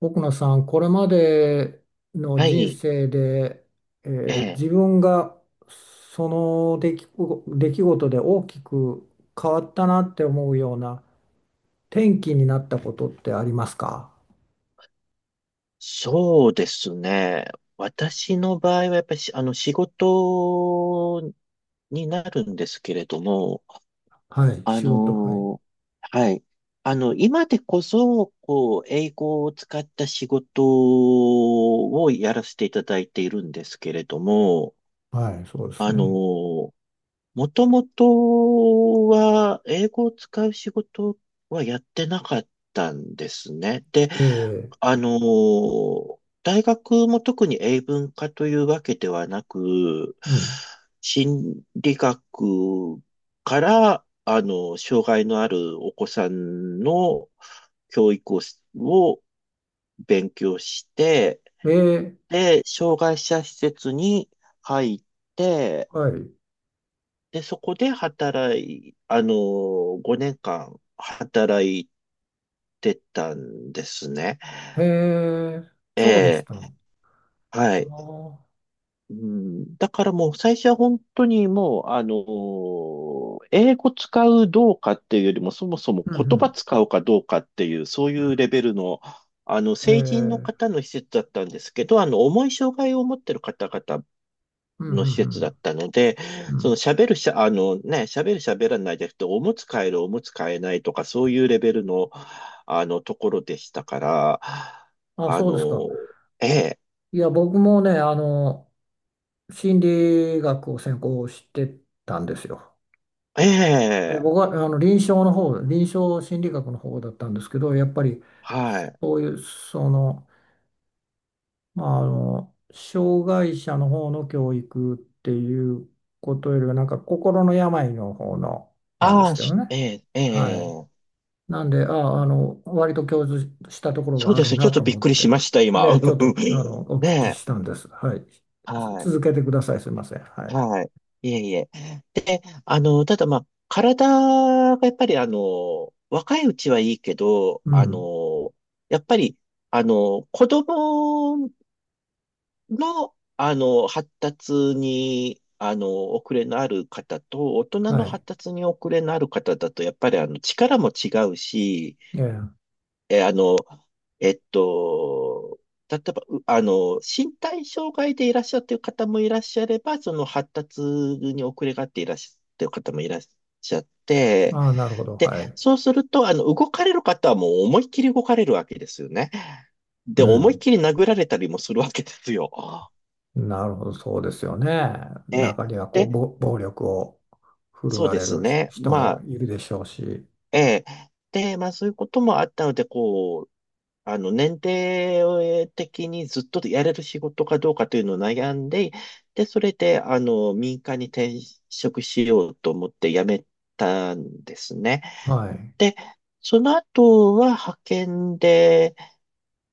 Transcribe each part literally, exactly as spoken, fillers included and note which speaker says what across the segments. Speaker 1: 奥野さん、これまでの
Speaker 2: は
Speaker 1: 人
Speaker 2: い、
Speaker 1: 生で、え
Speaker 2: え
Speaker 1: ー
Speaker 2: え、
Speaker 1: 自分がその出来ご、出来事で大きく変わったなって思うような転機になったことってありますか？
Speaker 2: そうですね。私の場合はやっぱりしあの仕事になるんですけれども、
Speaker 1: はい、
Speaker 2: あ
Speaker 1: 仕事、はい。
Speaker 2: の、はい、あの、今でこそ、こう、英語を使った仕事をやらせていただいているんですけれども、
Speaker 1: はい、そうです
Speaker 2: あ
Speaker 1: ね。
Speaker 2: の、もともとは、英語を使う仕事はやってなかったんですね。で、
Speaker 1: えー、
Speaker 2: あのー、大学も特に英文科というわけではなく、
Speaker 1: うん。
Speaker 2: 心理学から、あの、障害のあるお子さんの教育をしを勉強して、
Speaker 1: えー、
Speaker 2: で、障害者施設に入って、
Speaker 1: はい。
Speaker 2: で、そこで働い、あの、ごねんかん働いてたんですね。
Speaker 1: えー、
Speaker 2: え
Speaker 1: そうでした。あ
Speaker 2: え、はい。
Speaker 1: ー、
Speaker 2: うん、だからもう最初は本当にもう、あの、英語使うどうかっていうよりも、そもそも
Speaker 1: うん、う
Speaker 2: 言葉
Speaker 1: ん。
Speaker 2: 使うかどうかっていう、そうい
Speaker 1: うん、
Speaker 2: うレベルの、あの、
Speaker 1: え
Speaker 2: 成人の
Speaker 1: ー
Speaker 2: 方の施設だったんですけど、あの、重い障害を持ってる方々
Speaker 1: うん、う
Speaker 2: の施設だっ
Speaker 1: ん、
Speaker 2: たので、
Speaker 1: うん。う
Speaker 2: その
Speaker 1: ん。
Speaker 2: 喋るしゃ、あのね、喋る喋らないじゃなくて、おむつ替える、おむつ替えないとか、そういうレベルの、あの、ところでしたから、
Speaker 1: あ、
Speaker 2: あ
Speaker 1: そうです
Speaker 2: の、
Speaker 1: か。
Speaker 2: ええ、
Speaker 1: いや、僕もね、あの、心理学を専攻してたんですよ。
Speaker 2: え
Speaker 1: え
Speaker 2: え、
Speaker 1: 僕はあの臨床の方、臨床心理学の方だったんですけど、やっぱり
Speaker 2: はい。
Speaker 1: そういう、その、まあ、あの、障害者の方の教育っていうことよりは、なんか心の病の方の、なんで
Speaker 2: あ
Speaker 1: す
Speaker 2: あ、
Speaker 1: けど
Speaker 2: しえ
Speaker 1: ね。
Speaker 2: え、え
Speaker 1: はい。
Speaker 2: え、
Speaker 1: なんで、ああ、あの、割と共通したところ
Speaker 2: そう
Speaker 1: があ
Speaker 2: で
Speaker 1: る
Speaker 2: すね。ちょっ
Speaker 1: な
Speaker 2: と
Speaker 1: と
Speaker 2: びっ
Speaker 1: 思っ
Speaker 2: くりし
Speaker 1: て。
Speaker 2: ました、今。
Speaker 1: で、ちょっと、あの、お
Speaker 2: ね
Speaker 1: 聞き
Speaker 2: え、
Speaker 1: したんです。はい。
Speaker 2: は
Speaker 1: つ
Speaker 2: い。
Speaker 1: 続けてください。すいません。はい。
Speaker 2: はい。いえいえ。で、あの、ただまあ、体がやっぱりあの、若いうちはいいけど、
Speaker 1: う
Speaker 2: あ
Speaker 1: ん。
Speaker 2: の、やっぱり、あの、子供の、あの、発達に、あの、遅れのある方と、大人の
Speaker 1: はい。
Speaker 2: 発達に遅れのある方だと、やっぱりあの、力も違うし、
Speaker 1: ええ。
Speaker 2: え、あの、えっと、例えば、うあの、身体障害でいらっしゃってる方もいらっしゃれば、その発達に遅れがあっていらっしゃってる方もいらっしゃって、
Speaker 1: ああ、なるほど。
Speaker 2: で、
Speaker 1: はい。
Speaker 2: そうすると、あの、動かれる方はもう思いっきり動かれるわけですよね。で、
Speaker 1: う
Speaker 2: 思いっ
Speaker 1: ん。
Speaker 2: きり殴られたりもするわけですよ。
Speaker 1: なるほど。そうですよね。
Speaker 2: ええ。
Speaker 1: 中には、こう、
Speaker 2: で、
Speaker 1: ぼ暴力を振る
Speaker 2: そう
Speaker 1: わ
Speaker 2: で
Speaker 1: れ
Speaker 2: す
Speaker 1: るひ
Speaker 2: ね。
Speaker 1: 人
Speaker 2: ま
Speaker 1: も
Speaker 2: あ、
Speaker 1: いるでしょうし。
Speaker 2: ええ。で、まあそういうこともあったので、こう、あの、年齢的にずっとやれる仕事かどうかというのを悩んで、で、それで、あの、民間に転職しようと思って辞めたんですね。
Speaker 1: はい。
Speaker 2: で、その後は派遣で、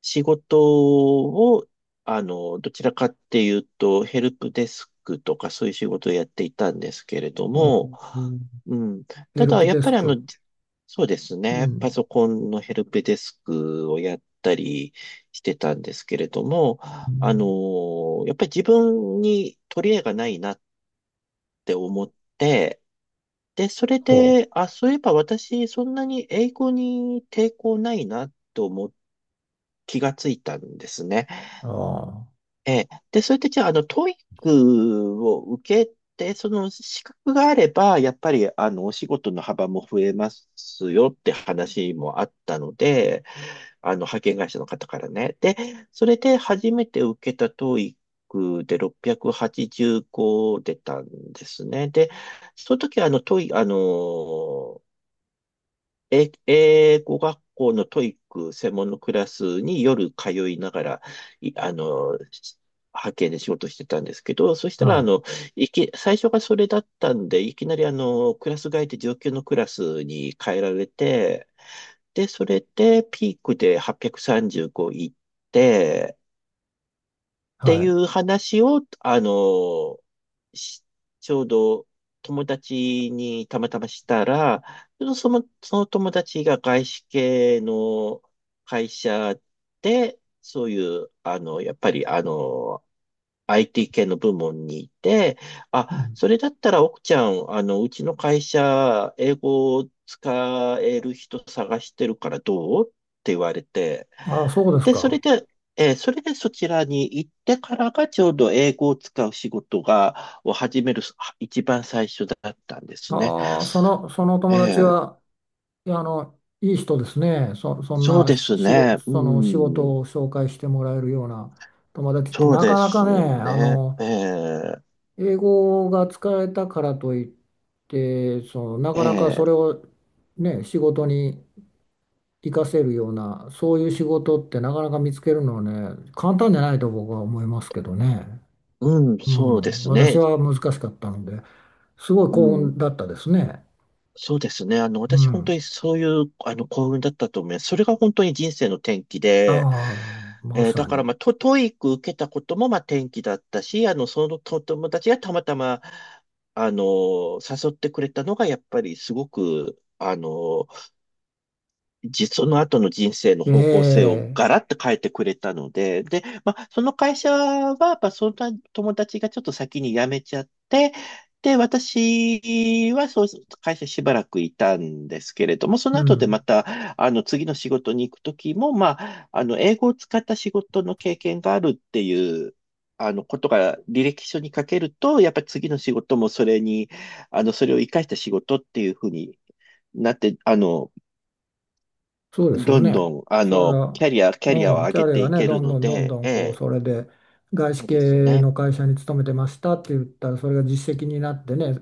Speaker 2: 仕事を、あの、どちらかっていうと、ヘルプデスクとかそういう仕事をやっていたんですけれど
Speaker 1: お、
Speaker 2: も、
Speaker 1: うん、
Speaker 2: うん。
Speaker 1: ヘ
Speaker 2: た
Speaker 1: ル
Speaker 2: だ、
Speaker 1: プ
Speaker 2: やっ
Speaker 1: デ
Speaker 2: ぱ
Speaker 1: ス
Speaker 2: りあの、
Speaker 1: ク。
Speaker 2: そうです
Speaker 1: う
Speaker 2: ね。パ
Speaker 1: ん。
Speaker 2: ソコンのヘルプデスクをやったりしてたんですけれども、
Speaker 1: う
Speaker 2: あ
Speaker 1: ん、
Speaker 2: の、やっぱり自分に取り柄がないなって思って、で、それ
Speaker 1: ほ
Speaker 2: で、あ、そういえば私、そんなに英語に抵抗ないなと思って気がついたんですね。
Speaker 1: う。あ
Speaker 2: ええ。で、それでじゃあ、あの、トイックを受けて、その資格があれば、やっぱり、あの、お仕事の幅も増えますよって話もあったので、あの、派遣会社の方からね。で、それで初めて受けたトイックでろっぴゃくはちじゅうご出たんですね。で、その時、あの、トイ、あの、え、英語学校のトイック専門のクラスに夜通いながら、いあの、し派遣で仕事してたんですけど、そし
Speaker 1: あ。
Speaker 2: た
Speaker 1: は
Speaker 2: ら、あ
Speaker 1: い。
Speaker 2: の、いき、最初がそれだったんで、いきなりあの、クラス替えて上級のクラスに変えられて、で、それでピークではっぴゃくさんじゅうご行って、って
Speaker 1: は
Speaker 2: い
Speaker 1: い。
Speaker 2: う話を、あの、しちょうど友達にたまたましたら、その、その友達が外資系の会社で、そういう、あの、やっぱり、あの、アイティー 系の部門にいて、
Speaker 1: う
Speaker 2: あ、
Speaker 1: ん。
Speaker 2: それだったら奥ちゃん、あの、うちの会社、英語を使える人探してるからどうって言われて、
Speaker 1: ああ、そうです
Speaker 2: で、それ
Speaker 1: か。
Speaker 2: で、えーそれでそちらに行ってからがちょうど英語を使う仕事が、を始めるは一番最初だったんですね。
Speaker 1: ああ、その、その
Speaker 2: え
Speaker 1: 友達
Speaker 2: え、
Speaker 1: は、いやあの、いい人ですね。そ、そん
Speaker 2: そう
Speaker 1: な
Speaker 2: で
Speaker 1: し
Speaker 2: す
Speaker 1: 仕
Speaker 2: ね。
Speaker 1: 事、
Speaker 2: う
Speaker 1: その仕
Speaker 2: ん、
Speaker 1: 事を紹介してもらえるような友達って
Speaker 2: そう
Speaker 1: な
Speaker 2: で
Speaker 1: かな
Speaker 2: す
Speaker 1: かね、あ
Speaker 2: ね。
Speaker 1: の、
Speaker 2: ええ、
Speaker 1: 英語が使えたからといって、その、な
Speaker 2: え
Speaker 1: かなかそ
Speaker 2: え、
Speaker 1: れをね、仕事に活かせるような、そういう仕事ってなかなか見つけるのはね、簡単じゃないと僕は思いますけどね。
Speaker 2: うん、
Speaker 1: う
Speaker 2: そうで
Speaker 1: ん、
Speaker 2: す
Speaker 1: 私
Speaker 2: ね。
Speaker 1: は難しかったので、すごい
Speaker 2: う
Speaker 1: 幸運
Speaker 2: ん
Speaker 1: だったですね。
Speaker 2: そうですね。あの、
Speaker 1: う
Speaker 2: 私本当
Speaker 1: ん。
Speaker 2: にそういう、あの、幸運だったと思います。それが本当に人生の転機
Speaker 1: あ
Speaker 2: で、
Speaker 1: あ、ま
Speaker 2: えーだ
Speaker 1: さ
Speaker 2: か
Speaker 1: に。
Speaker 2: らまあ、ト、トイック受けたこともまあ転機だったし、あの、そのと友達がたまたま、あの、誘ってくれたのが、やっぱりすごく、あの、じ、その後の人生の
Speaker 1: え
Speaker 2: 方向性を
Speaker 1: え、
Speaker 2: ガラッと変えてくれたので、で、まあ、その会社は、やっぱそんな友達がちょっと先に辞めちゃって、で、私はそう、会社しばらくいたんですけれども、そ
Speaker 1: う
Speaker 2: の後で
Speaker 1: ん、
Speaker 2: また、あの、次の仕事に行くときも、まあ、あの、英語を使った仕事の経験があるっていう、あの、ことが履歴書に書けると、やっぱり次の仕事もそれに、あの、それを活かした仕事っていうふうになって、あの、
Speaker 1: そうですよ
Speaker 2: どんど
Speaker 1: ね。
Speaker 2: ん、あ
Speaker 1: それ
Speaker 2: の、キ
Speaker 1: は、
Speaker 2: ャリア、キャリアを
Speaker 1: うん、
Speaker 2: 上
Speaker 1: キ
Speaker 2: げ
Speaker 1: ャリア
Speaker 2: て
Speaker 1: が
Speaker 2: い
Speaker 1: ね、
Speaker 2: け
Speaker 1: ど
Speaker 2: る
Speaker 1: ん
Speaker 2: の
Speaker 1: どんどん
Speaker 2: で、
Speaker 1: どん、
Speaker 2: え
Speaker 1: こう、
Speaker 2: え、
Speaker 1: それで、外資
Speaker 2: そうです
Speaker 1: 系
Speaker 2: ね。
Speaker 1: の会社に勤めてましたって言ったら、それが実績になってね、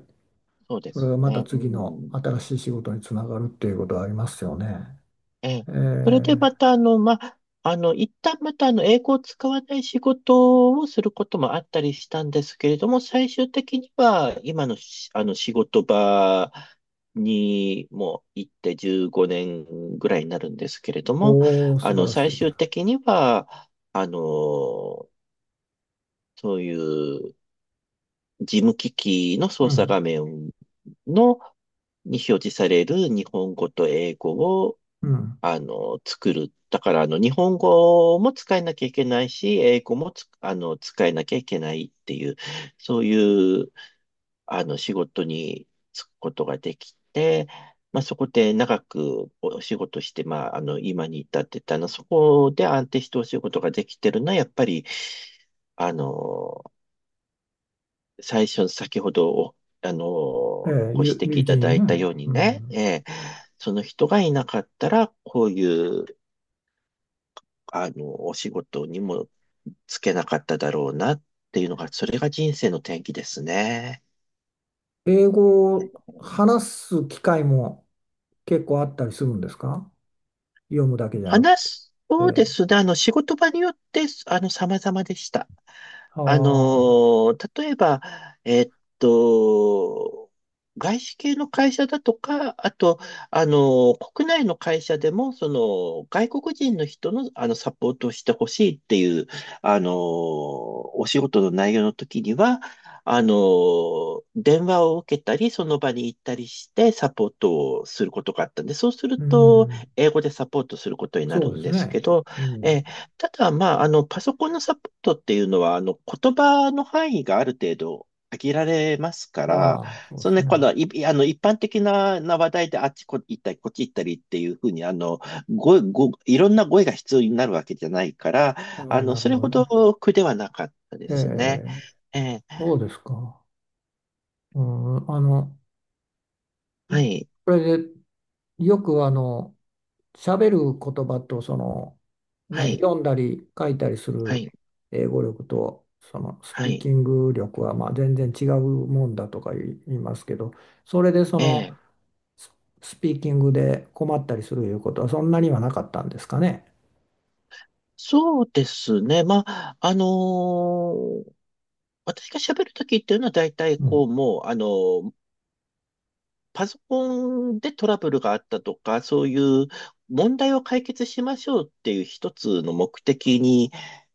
Speaker 2: そうで
Speaker 1: それ
Speaker 2: す
Speaker 1: がまた
Speaker 2: ね。う
Speaker 1: 次の
Speaker 2: ん。
Speaker 1: 新しい仕事につながるっていうことはありますよね。
Speaker 2: ええ。
Speaker 1: え
Speaker 2: それで
Speaker 1: え、
Speaker 2: また、あの、ま、あの、一旦また、あの、英語を使わない仕事をすることもあったりしたんですけれども、最終的には、今のし、あの、仕事場にも行ってじゅうごねんぐらいになるんですけれども、
Speaker 1: おお、素
Speaker 2: あの、
Speaker 1: 晴らし
Speaker 2: 最
Speaker 1: い。
Speaker 2: 終的には、あの、そういう事務機器の
Speaker 1: う
Speaker 2: 操作
Speaker 1: ん、
Speaker 2: 画面の、に表示される日本語と英語を、
Speaker 1: うん、
Speaker 2: あの、作る。だから、あの、日本語も使えなきゃいけないし、英語もつ、あの、使えなきゃいけないっていう、そういう、あの、仕事に就くことができて、まあ、そこで長くお仕事して、まあ、あの、今に至ってたの、そこで安定してお仕事ができてるのは、やっぱり、あの、最初、先ほどお、あのー、
Speaker 1: ええ、
Speaker 2: ご指
Speaker 1: 友
Speaker 2: 摘
Speaker 1: 友
Speaker 2: いただ
Speaker 1: 人ね、
Speaker 2: いたように
Speaker 1: う
Speaker 2: ね、
Speaker 1: ん。
Speaker 2: えーその人がいなかったら、こういう、あの、お仕事にもつけなかっただろうなっていうのが、それが人生の転機ですね。
Speaker 1: 英語を話す機会も結構あったりするんですか？読むだけじゃなく
Speaker 2: 話
Speaker 1: て。
Speaker 2: す、
Speaker 1: え
Speaker 2: そうで
Speaker 1: え、
Speaker 2: すね。あの、仕事場によって、あの、様々でした。
Speaker 1: は
Speaker 2: あの
Speaker 1: あ、
Speaker 2: ー、例えば、えっと、外資系の会社だとか、あと、あのー、国内の会社でも、その、外国人の人の、あの、サポートをしてほしいっていう、あのー、お仕事の内容の時には、あのー、電話を受けたり、その場に行ったりして、サポートをすることがあったんで、そうする
Speaker 1: う
Speaker 2: と、
Speaker 1: ん、
Speaker 2: 英語でサポートすることにな
Speaker 1: そ
Speaker 2: る
Speaker 1: うで
Speaker 2: ん
Speaker 1: す
Speaker 2: ですけ
Speaker 1: ね。
Speaker 2: ど、
Speaker 1: う
Speaker 2: え
Speaker 1: ん。
Speaker 2: ーただ、まあ、あの、パソコンのサポートっていうのは、あの、言葉の範囲がある程度限られますか
Speaker 1: あ
Speaker 2: ら、
Speaker 1: あ、そうで
Speaker 2: その
Speaker 1: す
Speaker 2: ね、
Speaker 1: ね。
Speaker 2: この、い、あの、一般的な、な話題であっちこ行ったり、こっち行ったりっていうふうに、あの、語彙、語彙、いろんな語彙が必要になるわけじゃないから、
Speaker 1: ああ、
Speaker 2: あ
Speaker 1: な
Speaker 2: の、
Speaker 1: る
Speaker 2: そ
Speaker 1: ほ
Speaker 2: れ
Speaker 1: ど
Speaker 2: ほ
Speaker 1: ね。
Speaker 2: ど苦ではなかったで
Speaker 1: え
Speaker 2: すね。
Speaker 1: え、
Speaker 2: えー
Speaker 1: そうですか。うん、あの、
Speaker 2: はい、
Speaker 1: これでよくあの、喋る言葉と、その、
Speaker 2: は
Speaker 1: ね、
Speaker 2: い、
Speaker 1: 読んだり書いたりす
Speaker 2: は
Speaker 1: る
Speaker 2: い、
Speaker 1: 英語力と、そのス
Speaker 2: は
Speaker 1: ピー
Speaker 2: い。
Speaker 1: キング力はまあ全然違うもんだとか言い言いますけど、それでそ
Speaker 2: え
Speaker 1: の、
Speaker 2: え
Speaker 1: ススピーキングで困ったりするいうことはそんなにはなかったんですかね。
Speaker 2: そうですね。まあ、あのー私が喋るときっていうのは大体
Speaker 1: う
Speaker 2: こう
Speaker 1: ん、
Speaker 2: もう、あの、パソコンでトラブルがあったとか、そういう問題を解決しましょうっていう一つの目的に、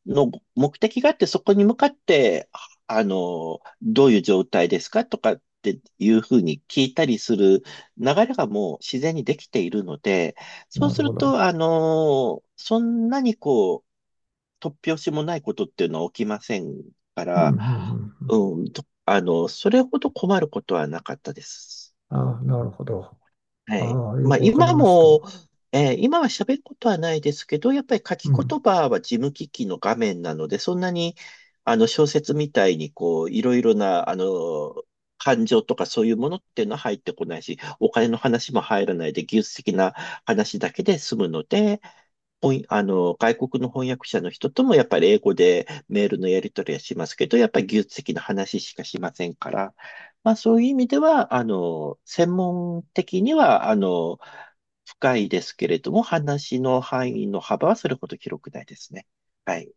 Speaker 2: の目的があって、そこに向かって、あの、どういう状態ですかとかっていうふうに聞いたりする流れがもう自然にできているので、
Speaker 1: な
Speaker 2: そう
Speaker 1: る
Speaker 2: す
Speaker 1: ほ
Speaker 2: ると、
Speaker 1: ど。
Speaker 2: あの、そんなにこう、突拍子もないことっていうのは起きませんか
Speaker 1: うん、うん、う
Speaker 2: ら、
Speaker 1: ん。うん。
Speaker 2: うん、とあの、それほど困ることはなかったです。
Speaker 1: ああ、なるほど。
Speaker 2: はい。
Speaker 1: ああ、よ
Speaker 2: まあ、
Speaker 1: くわかり
Speaker 2: 今
Speaker 1: ました。
Speaker 2: も、えー今は喋ることはないですけど、やっぱり書
Speaker 1: う
Speaker 2: き
Speaker 1: ん。
Speaker 2: 言葉は事務機器の画面なので、そんなに、あの、小説みたいに、こう、いろいろな、あの、感情とかそういうものっていうのは入ってこないし、お金の話も入らないで、技術的な話だけで済むので、ほんあの、外国の翻訳者の人ともやっぱり英語でメールのやり取りはしますけど、やっぱり技術的な話しかしませんから、まあ、そういう意味では、あの、専門的には、あの、深いですけれども、話の範囲の幅はそれほど広くないですね。はい。